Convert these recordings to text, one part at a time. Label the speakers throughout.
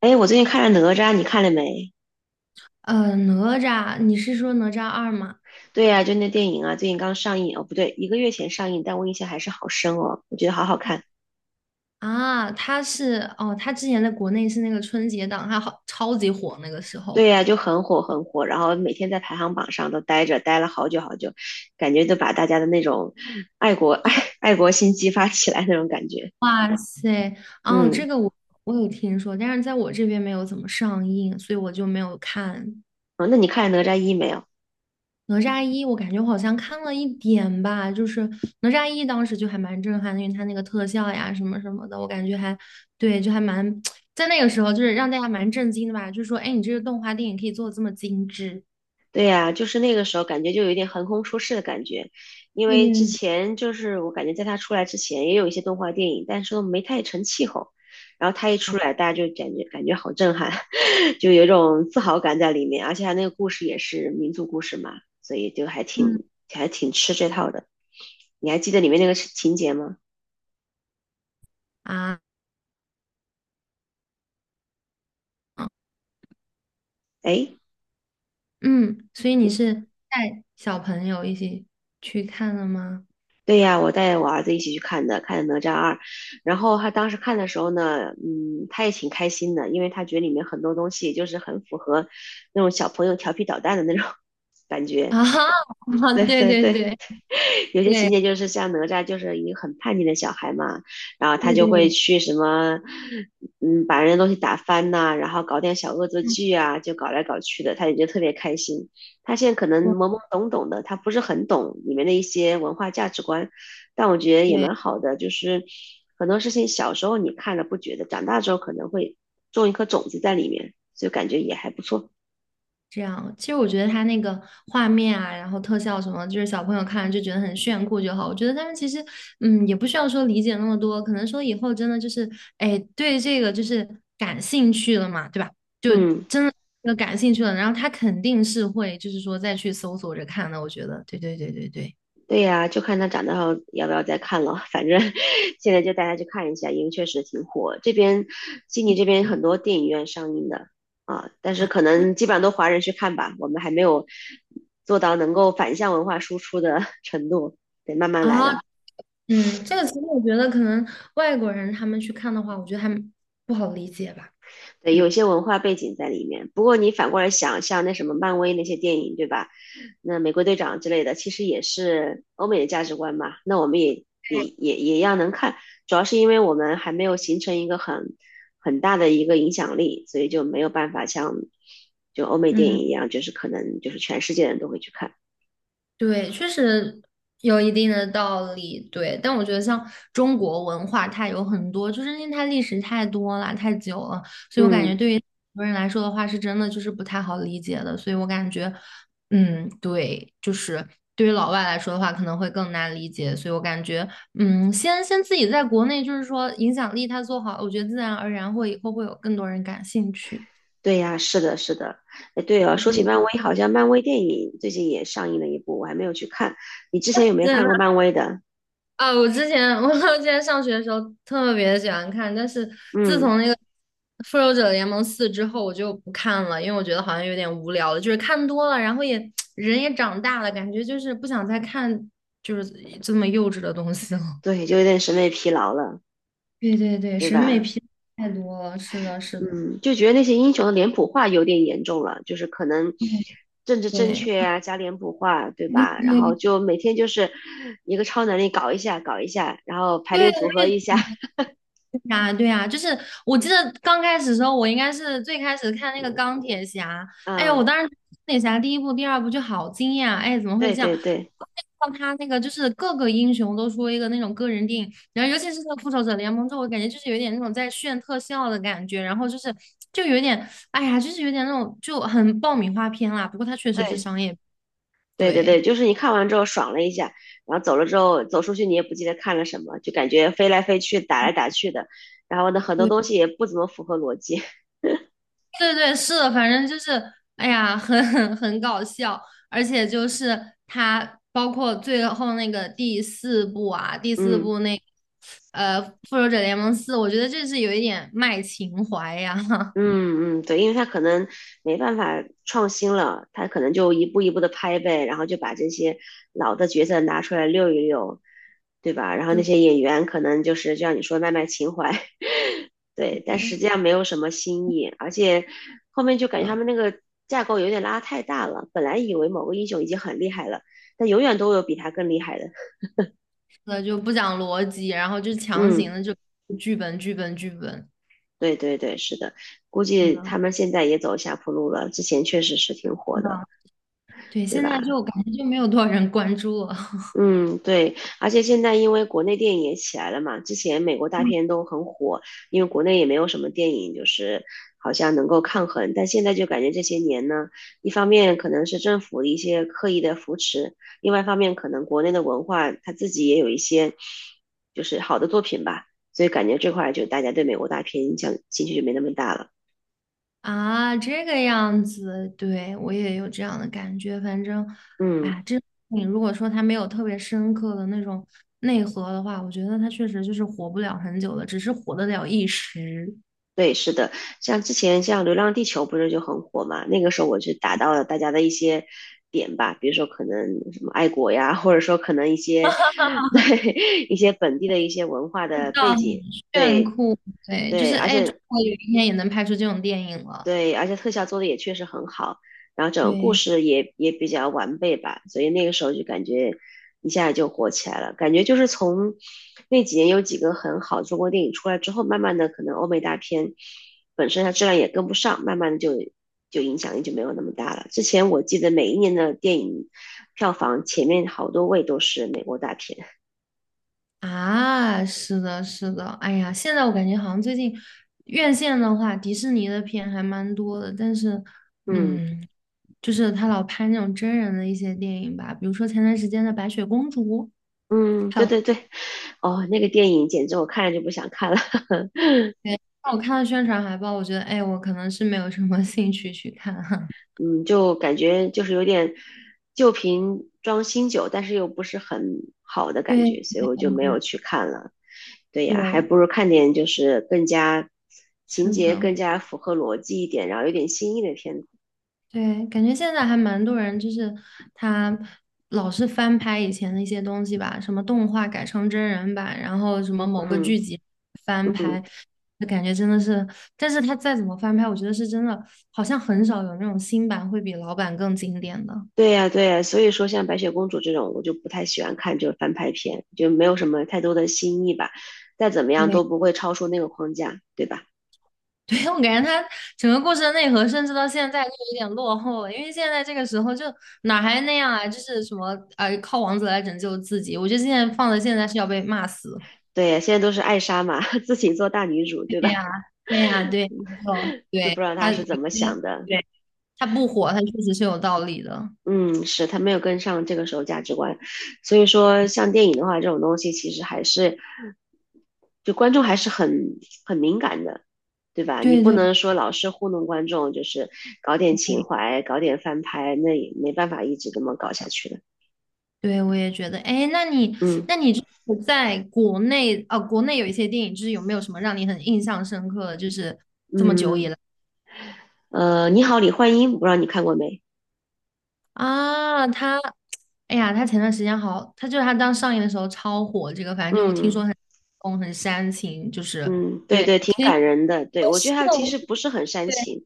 Speaker 1: 哎，我最近看了《哪吒》，你看了没？
Speaker 2: 哪吒，你是说哪吒二吗？
Speaker 1: 对呀、就那电影啊，最近刚上映哦，不对，一个月前上映，但我印象还是好深哦，我觉得好好看。
Speaker 2: 啊，他是哦，他之前在国内是那个春节档，他好超级火那个时候。
Speaker 1: 对呀、就很火很火，然后每天在排行榜上都待着，待了好久好久，感觉就把大家的那种爱国 爱国心激发起来那种感觉。
Speaker 2: 哇塞，哦，
Speaker 1: 嗯，
Speaker 2: 这个我有听说，但是在我这边没有怎么上映，所以我就没有看。
Speaker 1: 哦，那你看了《哪吒一》没有？
Speaker 2: 哪吒一，我感觉我好像看了一点吧，就是哪吒一当时就还蛮震撼的，因为它那个特效呀什么什么的，我感觉还对，就还蛮 在那个时候就是让大家蛮震惊的吧，就是说，哎，诶你这个动画电影可以做的这么精致。
Speaker 1: 对呀，就是那个时候感觉就有一点横空出世的感觉，因
Speaker 2: 对
Speaker 1: 为之
Speaker 2: 对对，
Speaker 1: 前就是我感觉在他出来之前也有一些动画电影，但是都没太成气候，然后他一出来，大家就感觉好震撼，就有一种自豪感在里面，而且他那个故事也是民族故事嘛，所以就还挺吃这套的。你还记得里面那个情节吗？
Speaker 2: 啊，
Speaker 1: 哎，
Speaker 2: 嗯，所以你是带小朋友一起去看了吗？
Speaker 1: 对呀，我带我儿子一起去看的，看的《哪吒二》，然后他当时看的时候呢，嗯，他也挺开心的，因为他觉得里面很多东西就是很符合那种小朋友调皮捣蛋的那种 感
Speaker 2: 啊，
Speaker 1: 觉。对
Speaker 2: 对
Speaker 1: 对
Speaker 2: 对
Speaker 1: 对，
Speaker 2: 对
Speaker 1: 有些情
Speaker 2: 对
Speaker 1: 节就是像哪吒就是一个很叛逆的小孩嘛，然后他
Speaker 2: 对
Speaker 1: 就
Speaker 2: 对，
Speaker 1: 会去什么，嗯，把人的东西打翻呐、然后搞点小恶作
Speaker 2: 嗯
Speaker 1: 剧啊，就搞来搞去的，他也就特别开心。他现在可能
Speaker 2: 对
Speaker 1: 懵懵懂懂的，他不是很懂里面的一些文化价值观，但我觉得也
Speaker 2: 对，
Speaker 1: 蛮好的，就是很多事情小时候你看了不觉得，长大之后可能会种一颗种子在里面，就感觉也还不错。
Speaker 2: 这样。其实我觉得他那个画面啊，然后特效什么，就是小朋友看了就觉得很炫酷就好。我觉得他们其实，也不需要说理解那么多，可能说以后真的就是，哎，对这个就是感兴趣了嘛，对吧？就
Speaker 1: 嗯。
Speaker 2: 真的就感兴趣了，然后他肯定是会，就是说再去搜索着看的。我觉得，对对对对对。
Speaker 1: 对呀，就看他长大后要不要再看了。反正 现在就带他去看一下，因为确实挺火。这边悉尼这边
Speaker 2: 嗯。
Speaker 1: 很多电影院上映的啊，但是可能基本上都华人去看吧，我们还没有做到能够反向文化输出的 程度，得慢慢来
Speaker 2: 啊，
Speaker 1: 了。
Speaker 2: 这个其实我觉得可能外国人他们去看的话，我觉得还不好理解吧，
Speaker 1: 对，
Speaker 2: 对吧？
Speaker 1: 有些文化背景在里面。不过你反过来想，像那什么漫威那些电影，对吧？那美国队长之类的，其实也是欧美的价值观嘛。那我们也一样能看，主要是因为我们还没有形成一个很大的一个影响力，所以就没有办法像就欧美电
Speaker 2: 嗯。
Speaker 1: 影一样，就是可能就是全世界人都会去看。
Speaker 2: 对，确实有一定的道理。对，但我觉得像中国文化，它有很多，就是因为它历史太多了、太久了，所以我感觉
Speaker 1: 嗯，
Speaker 2: 对于很多人来说的话，是真的就是不太好理解的。所以我感觉，嗯，对，就是对于老外来说的话，可能会更难理解。所以我感觉，先自己在国内，就是说影响力它做好，我觉得自然而然会以后会有更多人感兴趣。
Speaker 1: 对呀，是的，是的。哎，对哦，说起漫威，好像漫威电影最近也上映了一部，我还没有去看。你之前有没有
Speaker 2: 对，
Speaker 1: 看过漫威的？
Speaker 2: 啊，我之前 我之前上学的时候特别喜欢看，但是自
Speaker 1: 嗯。
Speaker 2: 从那个《复仇者联盟四》之后，我就不看了，因为我觉得好像有点无聊了，就是看多了，然后也 人也长大了，感觉就是不想再看就是这么幼稚的东西了。
Speaker 1: 对，就有点审美疲劳了，
Speaker 2: 对对对，
Speaker 1: 对
Speaker 2: 审美
Speaker 1: 吧？
Speaker 2: 疲劳太多了，是的，是的，
Speaker 1: 嗯，就觉得那些英雄的脸谱化有点严重了，就是可能政治正确
Speaker 2: 对
Speaker 1: 啊，加脸谱化，对
Speaker 2: 对。
Speaker 1: 吧？然后
Speaker 2: 对
Speaker 1: 就每天就是一个超能力搞一下，搞一下，然后排
Speaker 2: 对
Speaker 1: 列组合一下，
Speaker 2: 啊，对啊，就是我记得刚开始的时候，我应该是最开始看那个钢铁侠，哎呀，我
Speaker 1: 嗯，
Speaker 2: 当时钢铁侠第一部、第二部就好惊讶，哎，怎么会
Speaker 1: 对
Speaker 2: 这样？
Speaker 1: 对对
Speaker 2: 像他那个就是各个英雄都出了一个那种个人电影，然后尤其是那个复仇者联盟之后，我感觉就是有点那种在炫特效的感觉，然后就是就有点，哎呀，就是有点那种就很爆米花片啦。不过它确实是
Speaker 1: 对
Speaker 2: 商业，
Speaker 1: 对对
Speaker 2: 对
Speaker 1: 对，就是你看完之后爽了一下，然后走了之后走出去你也不记得看了什么，就感觉飞来飞去，打来打去的，然后呢很多
Speaker 2: 对。
Speaker 1: 东西也不怎么符合逻辑，
Speaker 2: 对对，是的，反正就是，哎呀，很 很搞笑，而且就是他包括最后那个第四部啊，第 四
Speaker 1: 嗯。
Speaker 2: 部那呃《复仇者联盟四》，我觉得这是有一点卖情怀呀，
Speaker 1: 嗯嗯，对，因为他可能没办法创新了，他可能就一步一步的拍呗，然后就把这些老的角色拿出来溜一溜，对吧？然后那
Speaker 2: 就
Speaker 1: 些演员可能就是就像你说卖情怀，对，但
Speaker 2: 对
Speaker 1: 实际上没有什么新意，而且后面就感觉他
Speaker 2: 的，
Speaker 1: 们那个架构有点拉太大了，本来以为某个英雄已经很厉害了，但永远都有比他更厉害的。
Speaker 2: 是的就不讲逻辑，然后就强行
Speaker 1: 嗯，
Speaker 2: 的就剧本剧本剧本，
Speaker 1: 对对对，是的，估
Speaker 2: 是
Speaker 1: 计他
Speaker 2: 的，
Speaker 1: 们现在也走下坡路了，之前确实是挺火
Speaker 2: 是的，
Speaker 1: 的，
Speaker 2: 对，
Speaker 1: 对
Speaker 2: 现在
Speaker 1: 吧？
Speaker 2: 就感觉就没有多少人关注了。
Speaker 1: 嗯，对，而且现在因为国内电影也起来了嘛，之前美国大片都很火，因为国内也没有什么电影就是好像能够抗衡，但现在就感觉这些年呢，一方面可能是政府的一些刻意的扶持，另外一方面可能国内的文化它自己也有一些就是好的作品吧，所以感觉这块儿就大家对美国大片影响兴趣就没那么大了。
Speaker 2: 啊，这个样子，对，我也有这样的感觉。反正，
Speaker 1: 嗯。
Speaker 2: 哎，这你如果说它没有特别深刻的那种内核的话，我觉得它确实就是活不了很久的，只是活得了一时。
Speaker 1: 对，是的，像之前像《流浪地球》不是就很火嘛？那个时候我就打到了大家的一些点吧，比如说可能什么爱国呀，或者说可能一些 对一些本地的一些文化的
Speaker 2: 到
Speaker 1: 背
Speaker 2: 很
Speaker 1: 景，
Speaker 2: 炫
Speaker 1: 对
Speaker 2: 酷，对，就
Speaker 1: 对，
Speaker 2: 是
Speaker 1: 而
Speaker 2: 哎，中
Speaker 1: 且
Speaker 2: 国有一天也能拍出这种电影了。
Speaker 1: 对，而且特效做的也确实很好，然后整个故
Speaker 2: 对，
Speaker 1: 事也比较完备吧，所以那个时候就感觉一下就火起来了。感觉就是从那几年有几个很好的中国电影出来之后，慢慢的可能欧美大片本身它质量也跟不上，慢慢的就影响力就没有那么大了。之前我记得每一年的电影票房前面好多位都是美国大片，
Speaker 2: 啊，是的，是的，哎呀，现在我感觉好像最近院线的话，迪士尼的片还蛮多的，但是，
Speaker 1: 嗯
Speaker 2: 嗯，就是他老拍那种真人的一些电影吧，比如说前段时间的《白雪公主》，
Speaker 1: 嗯，
Speaker 2: 还
Speaker 1: 对
Speaker 2: 有
Speaker 1: 对对，哦，那个电影简直我看了就不想看了。
Speaker 2: 那我看了宣传海报，我觉得，哎，我可能是没有什么兴趣去看哈。
Speaker 1: 嗯，就感觉就是有点旧瓶装新酒，但是又不是很好的感
Speaker 2: 对，
Speaker 1: 觉，所以我就没有去看了。对
Speaker 2: 对，
Speaker 1: 呀，还不如看点就是更加情
Speaker 2: 是
Speaker 1: 节
Speaker 2: 的。
Speaker 1: 更加符合逻辑一点，然后有点新意的片子。
Speaker 2: 对，感觉现在还蛮多人，就是他老是翻拍以前的一些东西吧，什么动画改成真人版，然后什么某个
Speaker 1: 嗯
Speaker 2: 剧集翻
Speaker 1: 嗯，
Speaker 2: 拍，就感觉真的是，但是他再怎么翻拍，我觉得是真的，好像很少有那种新版会比老版更经典的。
Speaker 1: 对呀对呀，所以说像白雪公主这种，我就不太喜欢看，就是翻拍片，就没有什么太多的新意吧。再怎么样
Speaker 2: 对，
Speaker 1: 都不会超出那个框架，对吧？
Speaker 2: 对，我感觉他整个故事的内核，甚至到现在都有点落后了，因为现在这个时候就哪还那样啊，就是什么靠王子来拯救自己，我觉得现在放在现在是要被骂死。
Speaker 1: 对，现在都是艾莎嘛，自己做大女主，
Speaker 2: 对
Speaker 1: 对吧？
Speaker 2: 呀，对呀，对然后
Speaker 1: 就不知
Speaker 2: 对，
Speaker 1: 道她
Speaker 2: 他有
Speaker 1: 是怎么
Speaker 2: 些，
Speaker 1: 想的。
Speaker 2: 对，他不火，他确实是有道理的。
Speaker 1: 嗯，是他没有跟上这个时候价值观，所以说像电影的话，这种东西其实还是，就观众还是很敏感的，对吧？你
Speaker 2: 对
Speaker 1: 不
Speaker 2: 对
Speaker 1: 能说老是糊弄观众，就是搞点情
Speaker 2: 对，
Speaker 1: 怀，搞点翻拍，那也没办法一直这么搞下去的。
Speaker 2: 对我也觉得。哎，那你，
Speaker 1: 嗯
Speaker 2: 那你就是在国内啊，国内有一些电影，就是有没有什么让你很印象深刻的？就是
Speaker 1: 嗯，你好，李焕英，不知道你看过没？
Speaker 2: 啊，他，哎呀，他前段时间好，他就是他刚上映的时候超火，这个反正就我听
Speaker 1: 嗯。
Speaker 2: 说很轰，很煽情，就是
Speaker 1: 嗯，对
Speaker 2: 对，
Speaker 1: 对，挺
Speaker 2: 其实
Speaker 1: 感人的。对，我觉
Speaker 2: 是
Speaker 1: 得他其
Speaker 2: 我是
Speaker 1: 实不是很煽
Speaker 2: 对
Speaker 1: 情，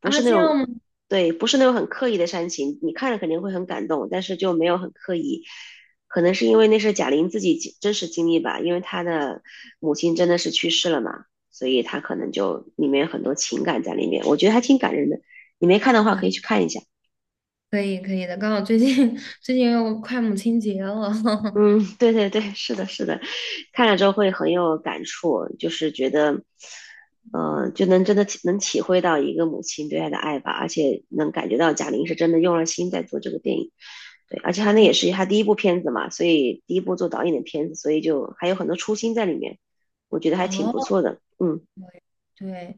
Speaker 1: 不
Speaker 2: 啊，
Speaker 1: 是那
Speaker 2: 这样
Speaker 1: 种，
Speaker 2: 吗？
Speaker 1: 对，不是那种很刻意的煽情。你看着肯定会很感动，但是就没有很刻意。可能是因为那是贾玲自己经真实经历吧，因为她的母亲真的是去世了嘛，所以她可能就里面有很多情感在里面。我觉得还挺感人的，你没看的话可以去看一下。
Speaker 2: 可以可以的，刚好最近 最近又快母亲节了。
Speaker 1: 嗯，对对对，是的，是的，看了之后会很有感触，就是觉得，
Speaker 2: 嗯，
Speaker 1: 就能真的体能体会到一个母亲对爱的爱吧，而且能感觉到贾玲是真的用了心在做这个电影，对，而且她那也
Speaker 2: 对，
Speaker 1: 是她第一部片子嘛，所以第一部做导演的片子，所以就还有很多初心在里面，我觉得还挺
Speaker 2: 哦，
Speaker 1: 不错的，嗯，
Speaker 2: 对，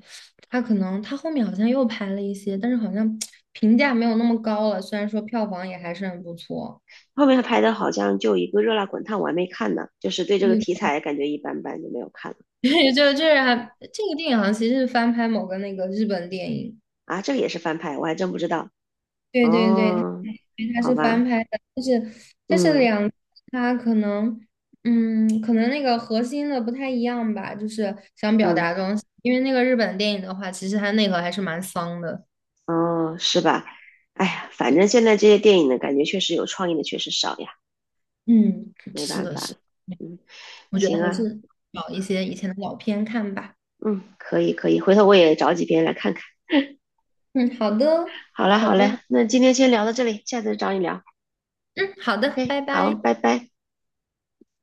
Speaker 2: 他可能他后面好像又拍了一些，但是好像评价没有那么高了。虽然说票房也还是很不错，
Speaker 1: 后面她拍的好像就一个《热辣滚烫》，我还没看呢，就是对这个
Speaker 2: 对，
Speaker 1: 题材感觉一般般，就没有看了
Speaker 2: 对就是还这个电影好像其实是翻拍某个那个日本电影。
Speaker 1: 啊，这个也是翻拍，我还真不知道
Speaker 2: 对对对，
Speaker 1: 哦，
Speaker 2: 因为它
Speaker 1: 好
Speaker 2: 是翻
Speaker 1: 吧。
Speaker 2: 拍的，但是
Speaker 1: 嗯
Speaker 2: 它可能，可能那个核心的不太一样吧，就是想表
Speaker 1: 嗯，
Speaker 2: 达的东西。因为那个日本电影的话，其实它内核还是蛮丧的。
Speaker 1: 哦，是吧？哎呀，反
Speaker 2: 对，
Speaker 1: 正现在这些电影呢，感觉确实有创意的确实少呀，
Speaker 2: 嗯，
Speaker 1: 没
Speaker 2: 是
Speaker 1: 办
Speaker 2: 的，
Speaker 1: 法
Speaker 2: 是
Speaker 1: 了。
Speaker 2: 的，
Speaker 1: 嗯，
Speaker 2: 我觉得
Speaker 1: 行
Speaker 2: 还
Speaker 1: 啊，
Speaker 2: 是找一些以前的老片看吧。
Speaker 1: 嗯，可以可以，回头我也找几篇来看看。
Speaker 2: 嗯，好的，
Speaker 1: 好嘞
Speaker 2: 好
Speaker 1: 好嘞，
Speaker 2: 的，
Speaker 1: 那今天先聊到这里，下次找你聊。
Speaker 2: 嗯，好的，拜
Speaker 1: OK，好，
Speaker 2: 拜。
Speaker 1: 拜拜。